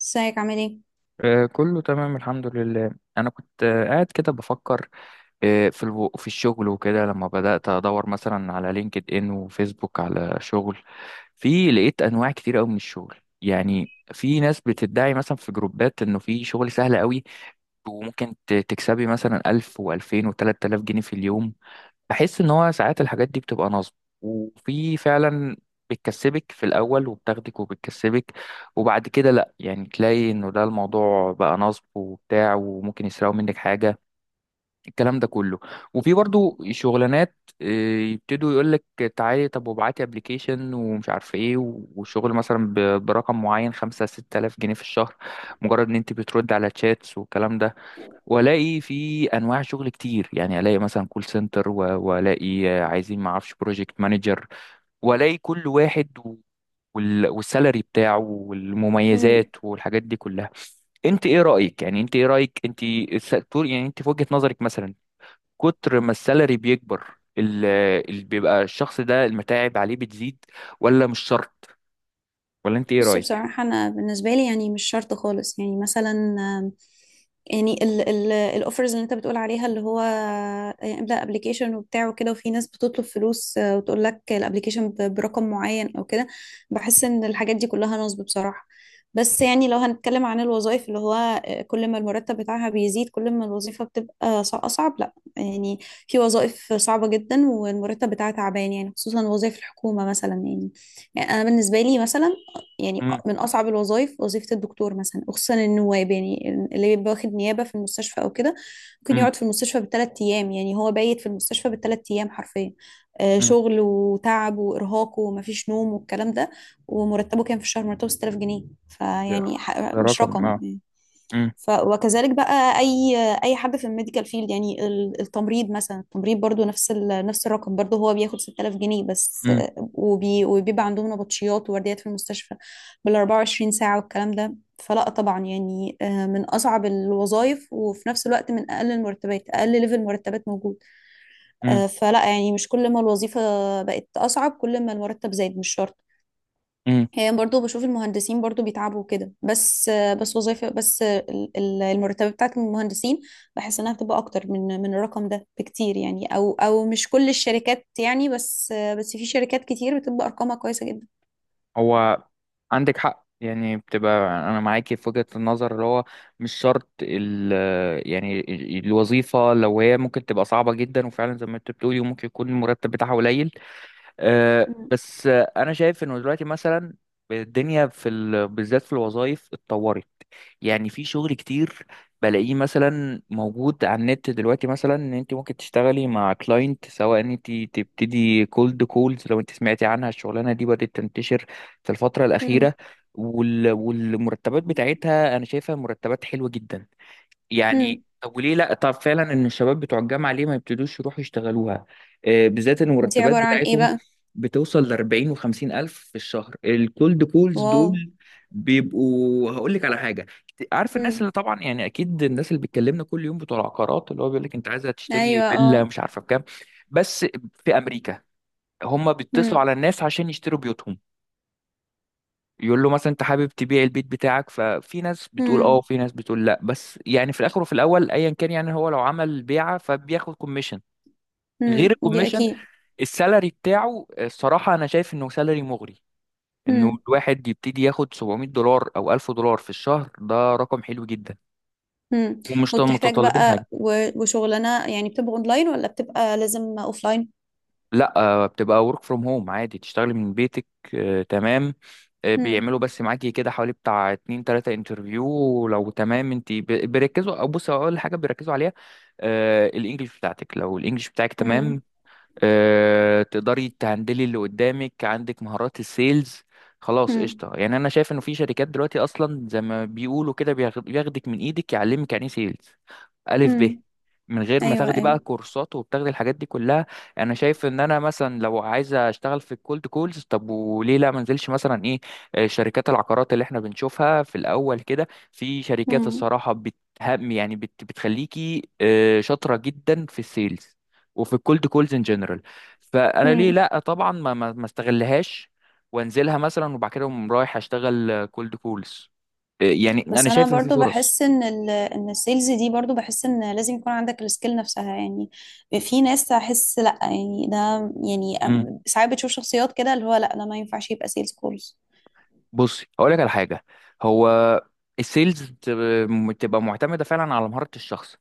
ازيك عامل ايه؟ كله تمام، الحمد لله. انا كنت قاعد كده بفكر. في الشغل وكده، لما بدأت ادور مثلا على لينكد ان وفيسبوك على شغل. في، لقيت انواع كتير قوي من الشغل. يعني في ناس بتدعي مثلا في جروبات، انه في شغل سهل قوي، وممكن تكسبي مثلا 1000 و2000 و3000 جنيه في اليوم. بحس ان هو ساعات الحاجات دي بتبقى نصب، وفي فعلا، بتكسبك في الاول، وبتاخدك، وبتكسبك. وبعد كده، لا يعني، تلاقي انه ده الموضوع بقى نصب وبتاع، وممكن يسرقوا منك حاجة. الكلام ده كله. وفي برضو شغلانات. آه، يبتدوا يقولك: تعالي طب وابعتي ابلكيشن، ومش عارف ايه، وشغل مثلا برقم معين، خمسة ستة آلاف جنيه في الشهر، مجرد ان انت بترد على تشاتس والكلام ده. والاقي في انواع شغل كتير، يعني الاقي مثلا كول سنتر، والاقي عايزين ما اعرفش بروجكت مانجر، والاقي كل واحد والسالري بتاعه مم. والمميزات والحاجات دي كلها. انت ايه رايك؟ يعني انت ايه رايك انت، يعني انت في وجهه نظرك مثلا، كتر ما السالري بيكبر، اللي بيبقى الشخص ده المتاعب عليه بتزيد، ولا مش شرط؟ ولا انت ايه بص رايك؟ بصراحة، أنا بالنسبة لي يعني مش شرط خالص. يعني مثلا يعني الأوفرز اللي أنت بتقول عليها، اللي هو املأ أبليكيشن وبتاع وكده، وفي ناس بتطلب فلوس، وتقول لك الأبليكيشن برقم معين أو كده. بحس إن الحاجات دي كلها نصب بصراحة. بس يعني لو هنتكلم عن الوظائف، اللي هو كل ما المرتب بتاعها بيزيد كل ما الوظيفة بتبقى أصعب، لا يعني، في وظائف صعبة جدا والمرتب بتاعها تعبان، يعني خصوصا وظائف الحكومة مثلا. يعني يعني انا بالنسبه لي مثلا، يعني امم. من أصعب الوظائف وظيفة الدكتور مثلا، وخصوصا النواب، يعني اللي بيبقى واخد نيابة في المستشفى أو كده. ممكن امم. يقعد في المستشفى بال3 أيام، يعني هو بايت في المستشفى بال3 أيام حرفيا. امم. شغل وتعب وإرهاق ومفيش نوم والكلام ده. ومرتبه كان في الشهر، مرتبه 6000 جنيه، ده. فيعني ده مش رقم، رقم. اه. امم. ف وكذلك بقى اي اي حد في الميديكال فيلد، يعني التمريض مثلا، التمريض برضو نفس نفس الرقم، برضو هو بياخد 6000 جنيه بس. امم. وبيبقى عندهم نبطشيات وورديات في المستشفى بال 24 ساعة والكلام ده. فلا طبعا يعني، من اصعب الوظائف وفي نفس الوقت من اقل المرتبات، اقل ليفل مرتبات موجود. امم. فلا يعني مش كل ما الوظيفة بقت اصعب كل ما المرتب زاد، مش شرط. امم. هي برضو بشوف المهندسين برضو بيتعبوا كده، بس وظيفة، بس المرتبة بتاعت المهندسين بحس انها بتبقى اكتر من الرقم ده بكتير، يعني او مش كل الشركات يعني، بس بس في شركات كتير بتبقى ارقامها كويسة جدا. هو عندك حق، يعني بتبقى، انا معاكي في وجهة النظر، اللي هو مش شرط ال... يعني الوظيفة لو هي ممكن تبقى صعبة جدا، وفعلا زي ما انت بتقولي، وممكن يكون المرتب بتاعها قليل. مم. بس انا شايف انه دلوقتي مثلا، الدنيا بالذات في الوظائف اتطورت. يعني في شغل كتير بلاقيه مثلا موجود على النت دلوقتي، مثلا ان انت ممكن تشتغلي مع كلاينت، سواء ان انت تبتدي كولد كولز، لو انت سمعتي عنها. الشغلانه دي بدات تنتشر في الفتره مم. الاخيره، والمرتبات بتاعتها انا شايفها مرتبات حلوه جدا. يعني مم. طب وليه لا؟ طب فعلا، ان الشباب بتوع الجامعه ليه ما يبتدوش يروحوا يشتغلوها؟ بالذات ان دي المرتبات عبارة عن ايه بتاعتهم بقى؟ بتوصل ل 40 و50 الف في الشهر، الكولد كولز واو. دول بيبقوا. هقول لك على حاجه، عارف الناس مم. اللي طبعا يعني، اكيد الناس اللي بتكلمنا كل يوم، بتوع العقارات، اللي هو بيقول لك انت عايزه تشتري ايوه فيلا اه. مش عارفه بكام؟ بس في امريكا، هم بيتصلوا مم. على الناس عشان يشتروا بيوتهم. يقول له مثلا: انت حابب تبيع البيت بتاعك؟ ففي ناس بتقول اه، مم. وفي ناس بتقول لا، بس يعني في الاخر وفي الاول ايا كان، يعني هو لو عمل بيعه فبياخد كوميشن. غير مم. دي الكوميشن، اكيد. السالري بتاعه الصراحه انا شايف انه سالري مغري، انه مم. الواحد يبتدي ياخد 700 دولار او 1000 دولار في الشهر، ده رقم حلو جدا، مم. ومش وبتحتاج متطلبين حاجه. بقى، وشغلانة يعني بتبقى اونلاين ولا بتبقى لازم اوفلاين؟ لا، بتبقى ورك فروم هوم، عادي تشتغلي من بيتك. تمام. مم. بيعملوا بس معاكي كده حوالي بتاع اتنين تلاتة انترفيو، ولو تمام انت بيركزوا، او بص اول حاجة بيركزوا عليها، الانجليش بتاعتك. لو الانجليش بتاعك مم. تمام، تقدري تهندلي اللي قدامك، عندك مهارات السيلز، خلاص مم. قشطة. يعني انا شايف انه في شركات دلوقتي اصلا، زي ما بيقولوا كده، بياخدك من ايدك، يعلمك يعني إيه سيلز، ألف ب، مم. من غير ما ايوه تاخدي ايوه. بقى كورسات وبتاخدي الحاجات دي كلها. انا شايف ان انا مثلا لو عايزه اشتغل في الكولد كولز، طب وليه لا منزلش مثلا ايه؟ شركات العقارات اللي احنا بنشوفها في الاول كده، في شركات امم. الصراحه بتهم، يعني بتخليكي شاطره جدا في السيلز وفي الكولد كولز ان جنرال. فانا ليه امم. لا، طبعا ما استغلهاش، وانزلها مثلا، وبعد كده أقوم رايح اشتغل كولد كولز. يعني انا بس انا شايف ان في برضو فرص. بحس ان ال، ان السيلز دي، برضو بحس ان لازم يكون عندك السكيل نفسها يعني. في ناس احس لا يعني، ده يعني ساعات بتشوف شخصيات كده اللي هو لا، ده ما ينفعش يبقى سيلز خالص. بصي هقول لك على حاجه، هو السيلز بتبقى معتمده فعلا على مهاره الشخص،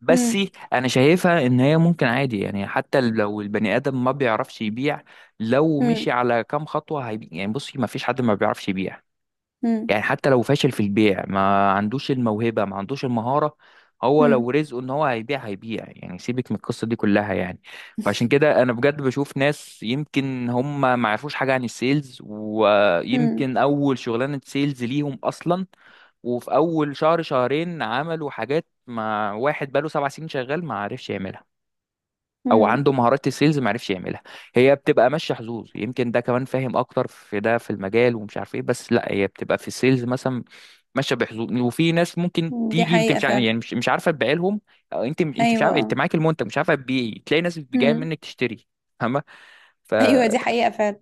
بس امم. انا شايفها ان هي ممكن عادي، يعني حتى لو البني ادم ما بيعرفش يبيع، لو امم. مشي على كام خطوه هيبيع. يعني بصي، ما فيش حد ما بيعرفش يبيع. امم. يعني حتى لو فاشل في البيع، ما عندوش الموهبة، ما عندوش المهارة، هو امم. لو رزقه ان هو هيبيع، هيبيع، يعني سيبك من القصة دي كلها يعني. فعشان كده انا بجد بشوف ناس، يمكن هم ما يعرفوش حاجة عن السيلز، امم. ويمكن اول شغلانة سيلز ليهم اصلا، وفي اول شهر شهرين عملوا حاجات ما واحد بقاله 7 سنين شغال ما عرفش يعملها، او عنده مهارات السيلز ما عرفش يعملها. هي بتبقى ماشيه حظوظ، يمكن ده كمان فاهم اكتر في ده في المجال ومش عارف ايه، بس لا، هي بتبقى في السيلز مثلا ماشيه بحظوظ، وفي ناس ممكن دي تيجي انت حقيقة مش عارف، فعلا. يعني مش عارفه تبيع لهم. أو انت مش عارف، انت ايوه. معاك المنتج مش عارفه تبيعي، تلاقي ناس جايه امم. منك تشتري، فاهمه؟ ف... ايوه دي حقيقة فعلا.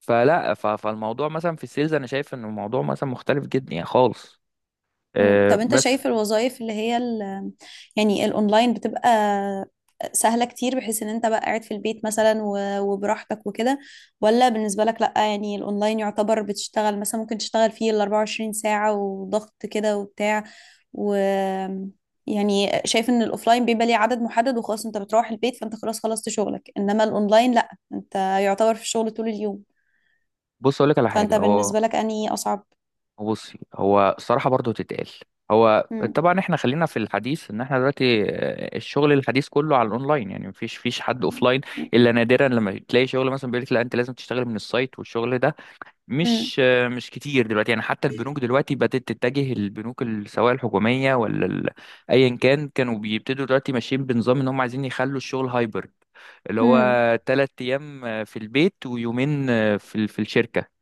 فلا، فالموضوع مثلا في السيلز، انا شايف ان الموضوع مثلا مختلف جدا يعني خالص. مم. أه، طب انت بس شايف الوظائف اللي هي ال، يعني الاونلاين بتبقى سهلة كتير بحيث ان انت بقى قاعد في البيت مثلا وبراحتك وكده؟ ولا بالنسبة لك لا يعني الاونلاين يعتبر بتشتغل، مثلا ممكن تشتغل فيه ال 24 ساعة وضغط كده وبتاع؟ و يعني شايف ان الاوفلاين بيبقى ليه عدد محدد وخلاص، انت بتروح البيت فانت خلاص خلصت شغلك، انما الاونلاين لا، انت يعتبر في الشغل طول اليوم. بص اقول لك على فانت حاجه. هو بالنسبة لك انهي اصعب؟ بصي، هو الصراحة برضو تتقال. هو مم. طبعا احنا خلينا في الحديث، ان احنا دلوقتي الشغل الحديث كله على الاونلاين، يعني مفيش حد اوفلاين، الا نادرا لما تلاقي شغل مثلا بيقول لك: لا، انت لازم تشتغل من السايت. والشغل ده مم. مش مش كتير دلوقتي، يعني حتى البنوك دلوقتي بدأت تتجه، البنوك سواء الحكومية ولا ايا كان، كانوا بيبتدوا دلوقتي ماشيين بنظام ان هم عايزين يخلوا الشغل هايبرد، اللي هو مم. تلات ايام في البيت، ويومين في الشركة.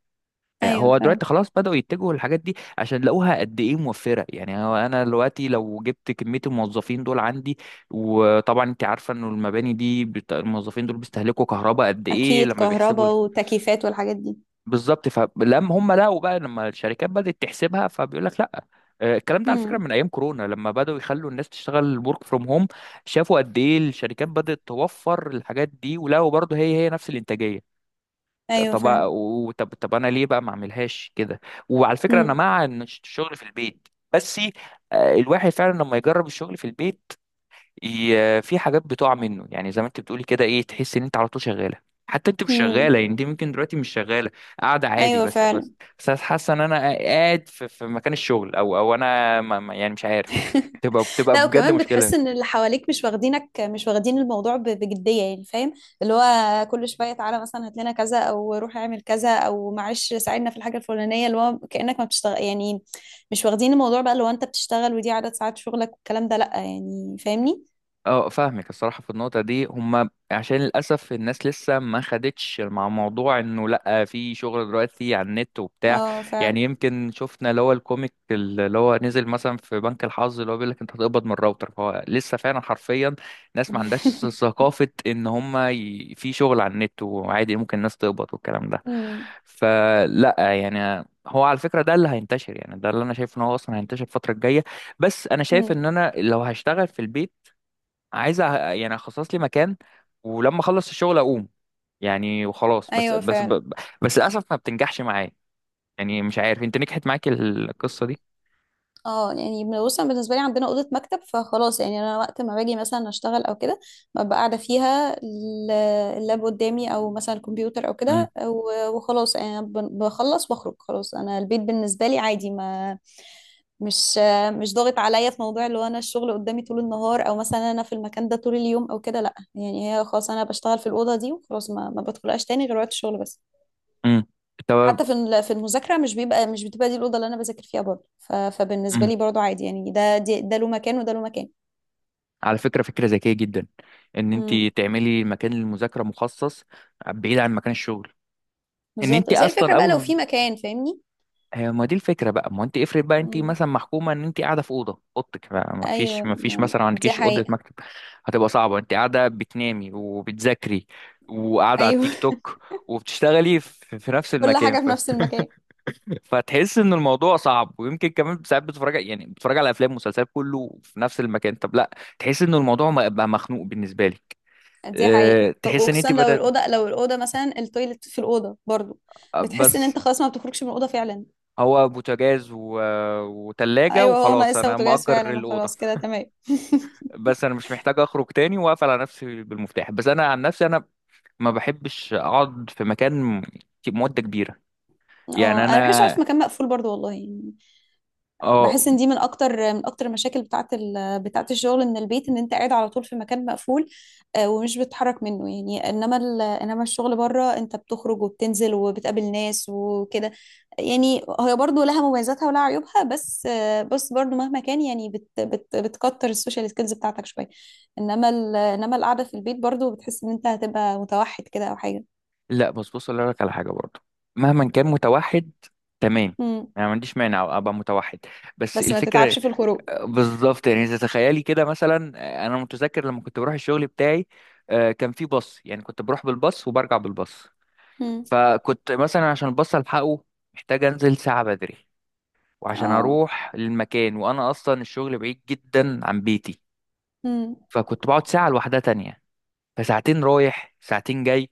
ايوه هو دلوقتي فعلا. خلاص بدأوا يتجهوا للحاجات دي، عشان لقوها قد ايه موفرة. يعني هو انا دلوقتي لو جبت كمية الموظفين دول عندي، وطبعا انت عارفة انه المباني دي الموظفين دول بيستهلكوا كهرباء قد ايه، اكيد، لما بيحسبوا كهرباء وتكييفات والحاجات دي. بالظبط، فلما هم لقوا بقى، لما الشركات بدأت تحسبها، فبيقول لك لا. الكلام ده على فكرة امم. من ايام كورونا، لما بدأوا يخلوا الناس تشتغل ورك فروم هوم، شافوا قد ايه الشركات بدأت توفر الحاجات دي، ولقوا برضه هي نفس الانتاجية. ايوه فعلا. طب انا ليه بقى ما اعملهاش كده؟ وعلى فكره، انا امم. مع ان الشغل في البيت، بس الواحد فعلا لما يجرب الشغل في البيت، في حاجات بتقع منه، يعني زي ما انت بتقولي كده، ايه، تحس ان انت على طول شغاله، حتى انت مش امم. شغاله. يعني انت ممكن دلوقتي مش شغاله، قاعده عادي، ايوه بس بس فعلا. بس حاسه ان انا قاعد في مكان الشغل، او انا يعني مش عارف. بتبقى لا، بجد وكمان بتحس مشكله. ان اللي حواليك مش واخدينك، مش واخدين الموضوع بجديه، يعني فاهم، اللي هو كل شويه تعالى مثلا هات لنا كذا، او روح اعمل كذا، او معلش ساعدنا في الحاجه الفلانيه، اللي هو كانك ما بتشتغل يعني. مش واخدين الموضوع بقى اللي هو انت بتشتغل، ودي عدد ساعات شغلك والكلام ده، لا يعني، فاهمني؟ اه فاهمك الصراحة في النقطة دي. هما عشان للأسف الناس لسه ما خدتش مع موضوع انه لأ، في شغل دلوقتي على النت وبتاع. اه يعني فعلا. يمكن شفنا اللي هو الكوميك اللي هو نزل مثلا في بنك الحظ، اللي هو بيقول لك انت هتقبض من الراوتر. فهو لسه فعلا حرفيا، ناس ما عندهاش ثقافة ان هما في شغل على النت وعادي ممكن الناس تقبض والكلام ده. امم. فلا يعني، هو على فكرة ده اللي هينتشر، يعني ده اللي انا شايف ان هو اصلا هينتشر الفترة الجاية. بس انا شايف امم. ان انا لو هشتغل في البيت، عايز يعني اخصص لي مكان، ولما اخلص الشغل اقوم، يعني وخلاص، بس ايوه بس فعلا. ب- بس للاسف ما بتنجحش معايا. يعني مش عارف، انت نجحت معاك القصه دي؟ اه يعني بص انا بالنسبه لي عندنا اوضه مكتب، فخلاص يعني انا وقت ما باجي مثلا اشتغل او كده، ببقى قاعده فيها اللاب قدامي، او مثلا الكمبيوتر او امم. كده، وخلاص يعني انا بخلص واخرج. خلاص انا البيت بالنسبه لي عادي، ما مش مش ضاغط عليا في موضوع اللي هو انا الشغل قدامي طول النهار، او مثلا انا في المكان ده طول اليوم او كده. لا يعني هي خلاص، انا بشتغل في الاوضه دي وخلاص، ما بدخلهاش تاني غير وقت الشغل بس. امم. طب. حتى في في المذاكره مش بتبقى دي الاوضه اللي انا بذاكر فيها برضه، فبالنسبه امم. لي برضه عادي يعني، ده ده له مكان وده له مكان. على فكره، فكره ذكيه جدا، ان انت امم. تعملي مكان للمذاكره مخصص، بعيد عن مكان الشغل. ان بالظبط، انت بس هي الفكره اصلا بقى لو اول، في مكان، فاهمني. هي ما دي الفكره بقى. ما انت افرض بقى انت امم. مثلا محكومه، ان انت قاعده في اوضه، اوضتك بقى ما فيش ايوه ما فيش مثلا دي عندكيش اوضه حقيقه. مكتب، هتبقى صعبه. انت قاعده بتنامي وبتذاكري، وقاعده على ايوه. التيك توك، وبتشتغلي في نفس كل المكان حاجه في نفس المكان. فتحس ان الموضوع صعب، ويمكن كمان ساعات بتتفرج، يعني بتتفرج على افلام ومسلسلات، كله في نفس المكان. طب لا، تحس ان الموضوع بقى مخنوق بالنسبه لك. دي حقيقه، تحس ان وخصوصا انت لو بدأت، الاوضه، لو الاوضه مثلا التويلت في الاوضه برضه، بتحس ان بس انت خلاص ما بتخرجش من الاوضه فعلا. هو بوتاجاز وتلاجة، ايوه، هو وخلاص ناقصها انا بوتاجاز مأجر فعلا الأوضة، وخلاص كده تمام. بس انا مش محتاج اخرج تاني واقفل على نفسي بالمفتاح. بس انا عن نفسي، انا ما بحبش اقعد في مكان مده كبيره. اه، يعني انا ما بحبش انا، اقعد في مكان مقفول برضه، والله يعني. اه، بحس ان دي من اكتر، من اكتر المشاكل بتاعت بتاعت الشغل من البيت، ان انت قاعد على طول في مكان مقفول، ومش بتتحرك منه يعني. انما انما الشغل بره، انت بتخرج وبتنزل وبتقابل ناس وكده، يعني هي برضو لها مميزاتها ولها عيوبها. بس بس برضو مهما كان يعني، بتكتر السوشيال سكيلز بتاعتك شويه، انما انما القعده في البيت برضو بتحس ان انت هتبقى متوحد كده او حاجه. لا، بص اقول لك على حاجه برضو، مهما كان متوحد، تمام، مم. انا ما عنديش مانع ابقى متوحد، بس بس ما الفكره تتعبش في الخروج. بالظبط، يعني اذا تخيلي كده مثلا. انا متذكر لما كنت بروح الشغل بتاعي، كان في باص، يعني كنت بروح بالباص وبرجع بالباص. مم. فكنت مثلا عشان الباص الحقه، محتاج انزل ساعه بدري، وعشان اه. اروح للمكان، وانا اصلا الشغل بعيد جدا عن بيتي، مم. فكنت بقعد ساعة لوحدها تانية. فساعتين رايح، ساعتين جاي،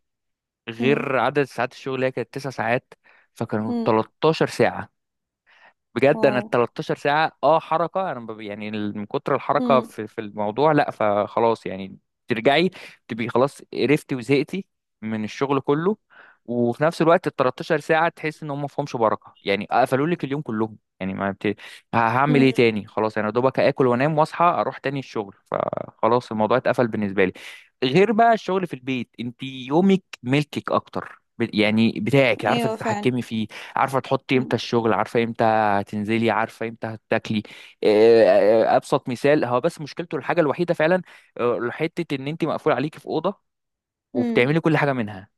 مم. غير عدد ساعات الشغل اللي هي كانت 9 ساعات، فكانوا مم. 13 ساعة. بجد انا واو. ال 13 ساعه، اه حركه، انا يعني من كتر الحركه في الموضوع، لا، فخلاص يعني، ترجعي تبقي خلاص قرفتي وزهقتي من الشغل كله. وفي نفس الوقت ال 13 ساعه تحس ان هم ما فيهمش بركه، يعني قفلوا لك اليوم كلهم، يعني ما بت... ه- هعمل مم. ايه تاني؟ خلاص انا دوبك اكل وانام واصحى اروح تاني الشغل، فخلاص الموضوع اتقفل بالنسبه لي. غير بقى الشغل في البيت، انت يومك ملكك اكتر، يعني بتاعك، عارفه ايوه فعلا. تتحكمي فيه، عارفه تحطي امتى مم. الشغل، عارفه هتنزلي، عارفه امتى هتاكلي. آه، ابسط مثال، هو بس مشكلته الحاجه الوحيده فعلا، حته ان انت مقفول عليكي في اوضه، مم. وبتعملي كل حاجه منها،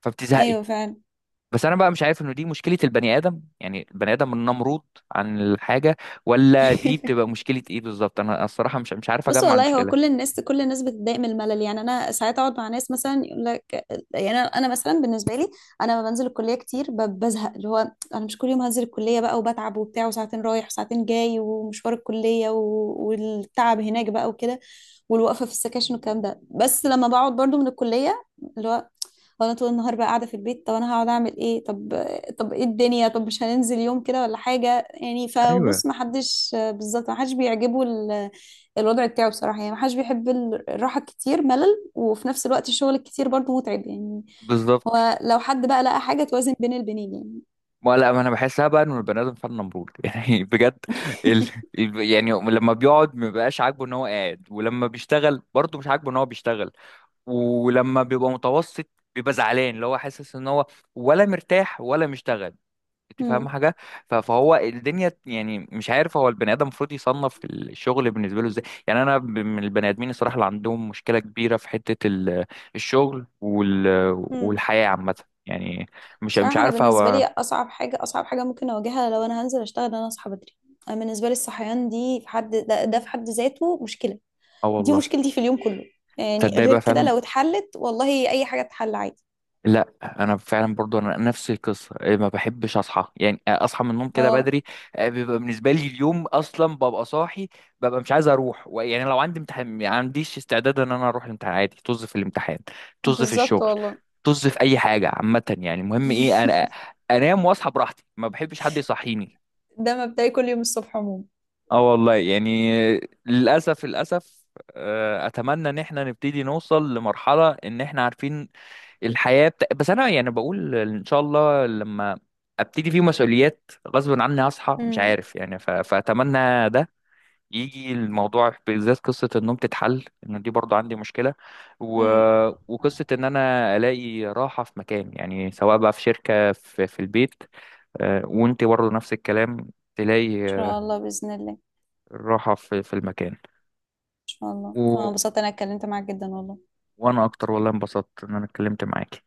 فبتزهقي. ايوه فعلا. بس انا بقى مش عارف انه دي مشكله البني ادم، يعني البني ادم النمرود عن الحاجه، ولا دي بتبقى مشكله ايه بالظبط؟ انا الصراحه مش عارف بص اجمع والله هو كل المشكله. الناس كل الناس بتتضايق من الملل، يعني انا ساعات اقعد مع ناس مثلا يقول لك، يعني أنا مثلا بالنسبه لي، انا لما بنزل الكليه كتير بزهق، اللي هو انا مش كل يوم هنزل الكليه بقى وبتعب وبتاع وساعتين رايح وساعتين جاي ومشوار الكليه والتعب هناك بقى وكده والوقفه في السكاشن والكلام ده. بس لما بقعد برضو من الكليه، اللي هو وانا طول النهار بقى قاعده في البيت، طب انا هقعد اعمل ايه؟ طب طب ايه الدنيا، طب مش هننزل يوم كده ولا حاجه يعني؟ ايوه فبص، ما حدش بالظبط، ما حدش بيعجبه الوضع بتاعه بصراحه، يعني ما حدش بيحب الراحه الكتير ملل، وفي نفس الوقت الشغل الكتير برضو متعب يعني. بالظبط. هو لو حد بقى لقى حاجه توازن بين البنين يعني. ما لا، ما انا بحسها بقى انه البني ادم فعلا نمرود يعني بجد. ال... يعني لما بيقعد ما بيبقاش عاجبه ان هو قاعد، ولما بيشتغل برضه مش عاجبه ان هو بيشتغل، ولما بيبقى متوسط بيبقى زعلان، اللي هو حاسس ان هو ولا مرتاح ولا مشتغل. انت فاهم مم. حاجه؟ فهو الدنيا يعني مش عارف، هو البني ادم المفروض يصنف الشغل بالنسبه له ازاي؟ يعني انا من البني ادمين الصراحه اللي عندهم مشكله كبيره في حته الشغل مم. والحياه عامه. يعني مش بصراحه انا عارف بالنسبه هو، لي اصعب حاجه ممكن اواجهها لو انا هنزل اشتغل، ان انا اصحى بدري. انا بالنسبه لي الصحيان دي في حد ده في حد ذاته مشكله. اه دي والله. مشكلتي في اليوم كله، يعني تصدق غير بقى كده فعلا، لو اتحلت والله اي حاجه تتحل عادي. لا انا فعلا برضو، انا نفس القصه، إيه، ما بحبش اصحى، يعني اصحى من النوم كده اه بدري. بيبقى بالنسبه لي اليوم اصلا، ببقى صاحي، ببقى مش عايز اروح يعني، لو عندي امتحان ما عنديش استعداد ان انا اروح الامتحان، عادي طز في الامتحان، طز في بالظبط الشغل، والله. طز في اي حاجه عامه. يعني المهم ايه، انا انام واصحى براحتي، ما بحبش حد يصحيني. ده مبدئي كل يوم الصبح عموما. اه والله يعني. للاسف، للاسف. اتمنى ان احنا نبتدي نوصل لمرحله، ان احنا عارفين الحياة بس أنا يعني بقول إن شاء الله لما أبتدي فيه مسؤوليات غصب عني هصحى، مش امم. عارف يعني، فأتمنى ده يجي الموضوع، بالذات قصة النوم تتحل، إن دي برضو عندي مشكلة، و... امم. ان وقصة إن أنا ألاقي راحة في مكان، يعني سواء بقى في شركة، في البيت، وأنت برضو نفس الكلام، تلاقي شاء الله باذن الله. ان راحة في المكان، شاء الله اه، و... انبسطت انا اتكلمت معاك جدا والله. وأنا أكتر والله، انبسطت إن أنا اتكلمت معاكي.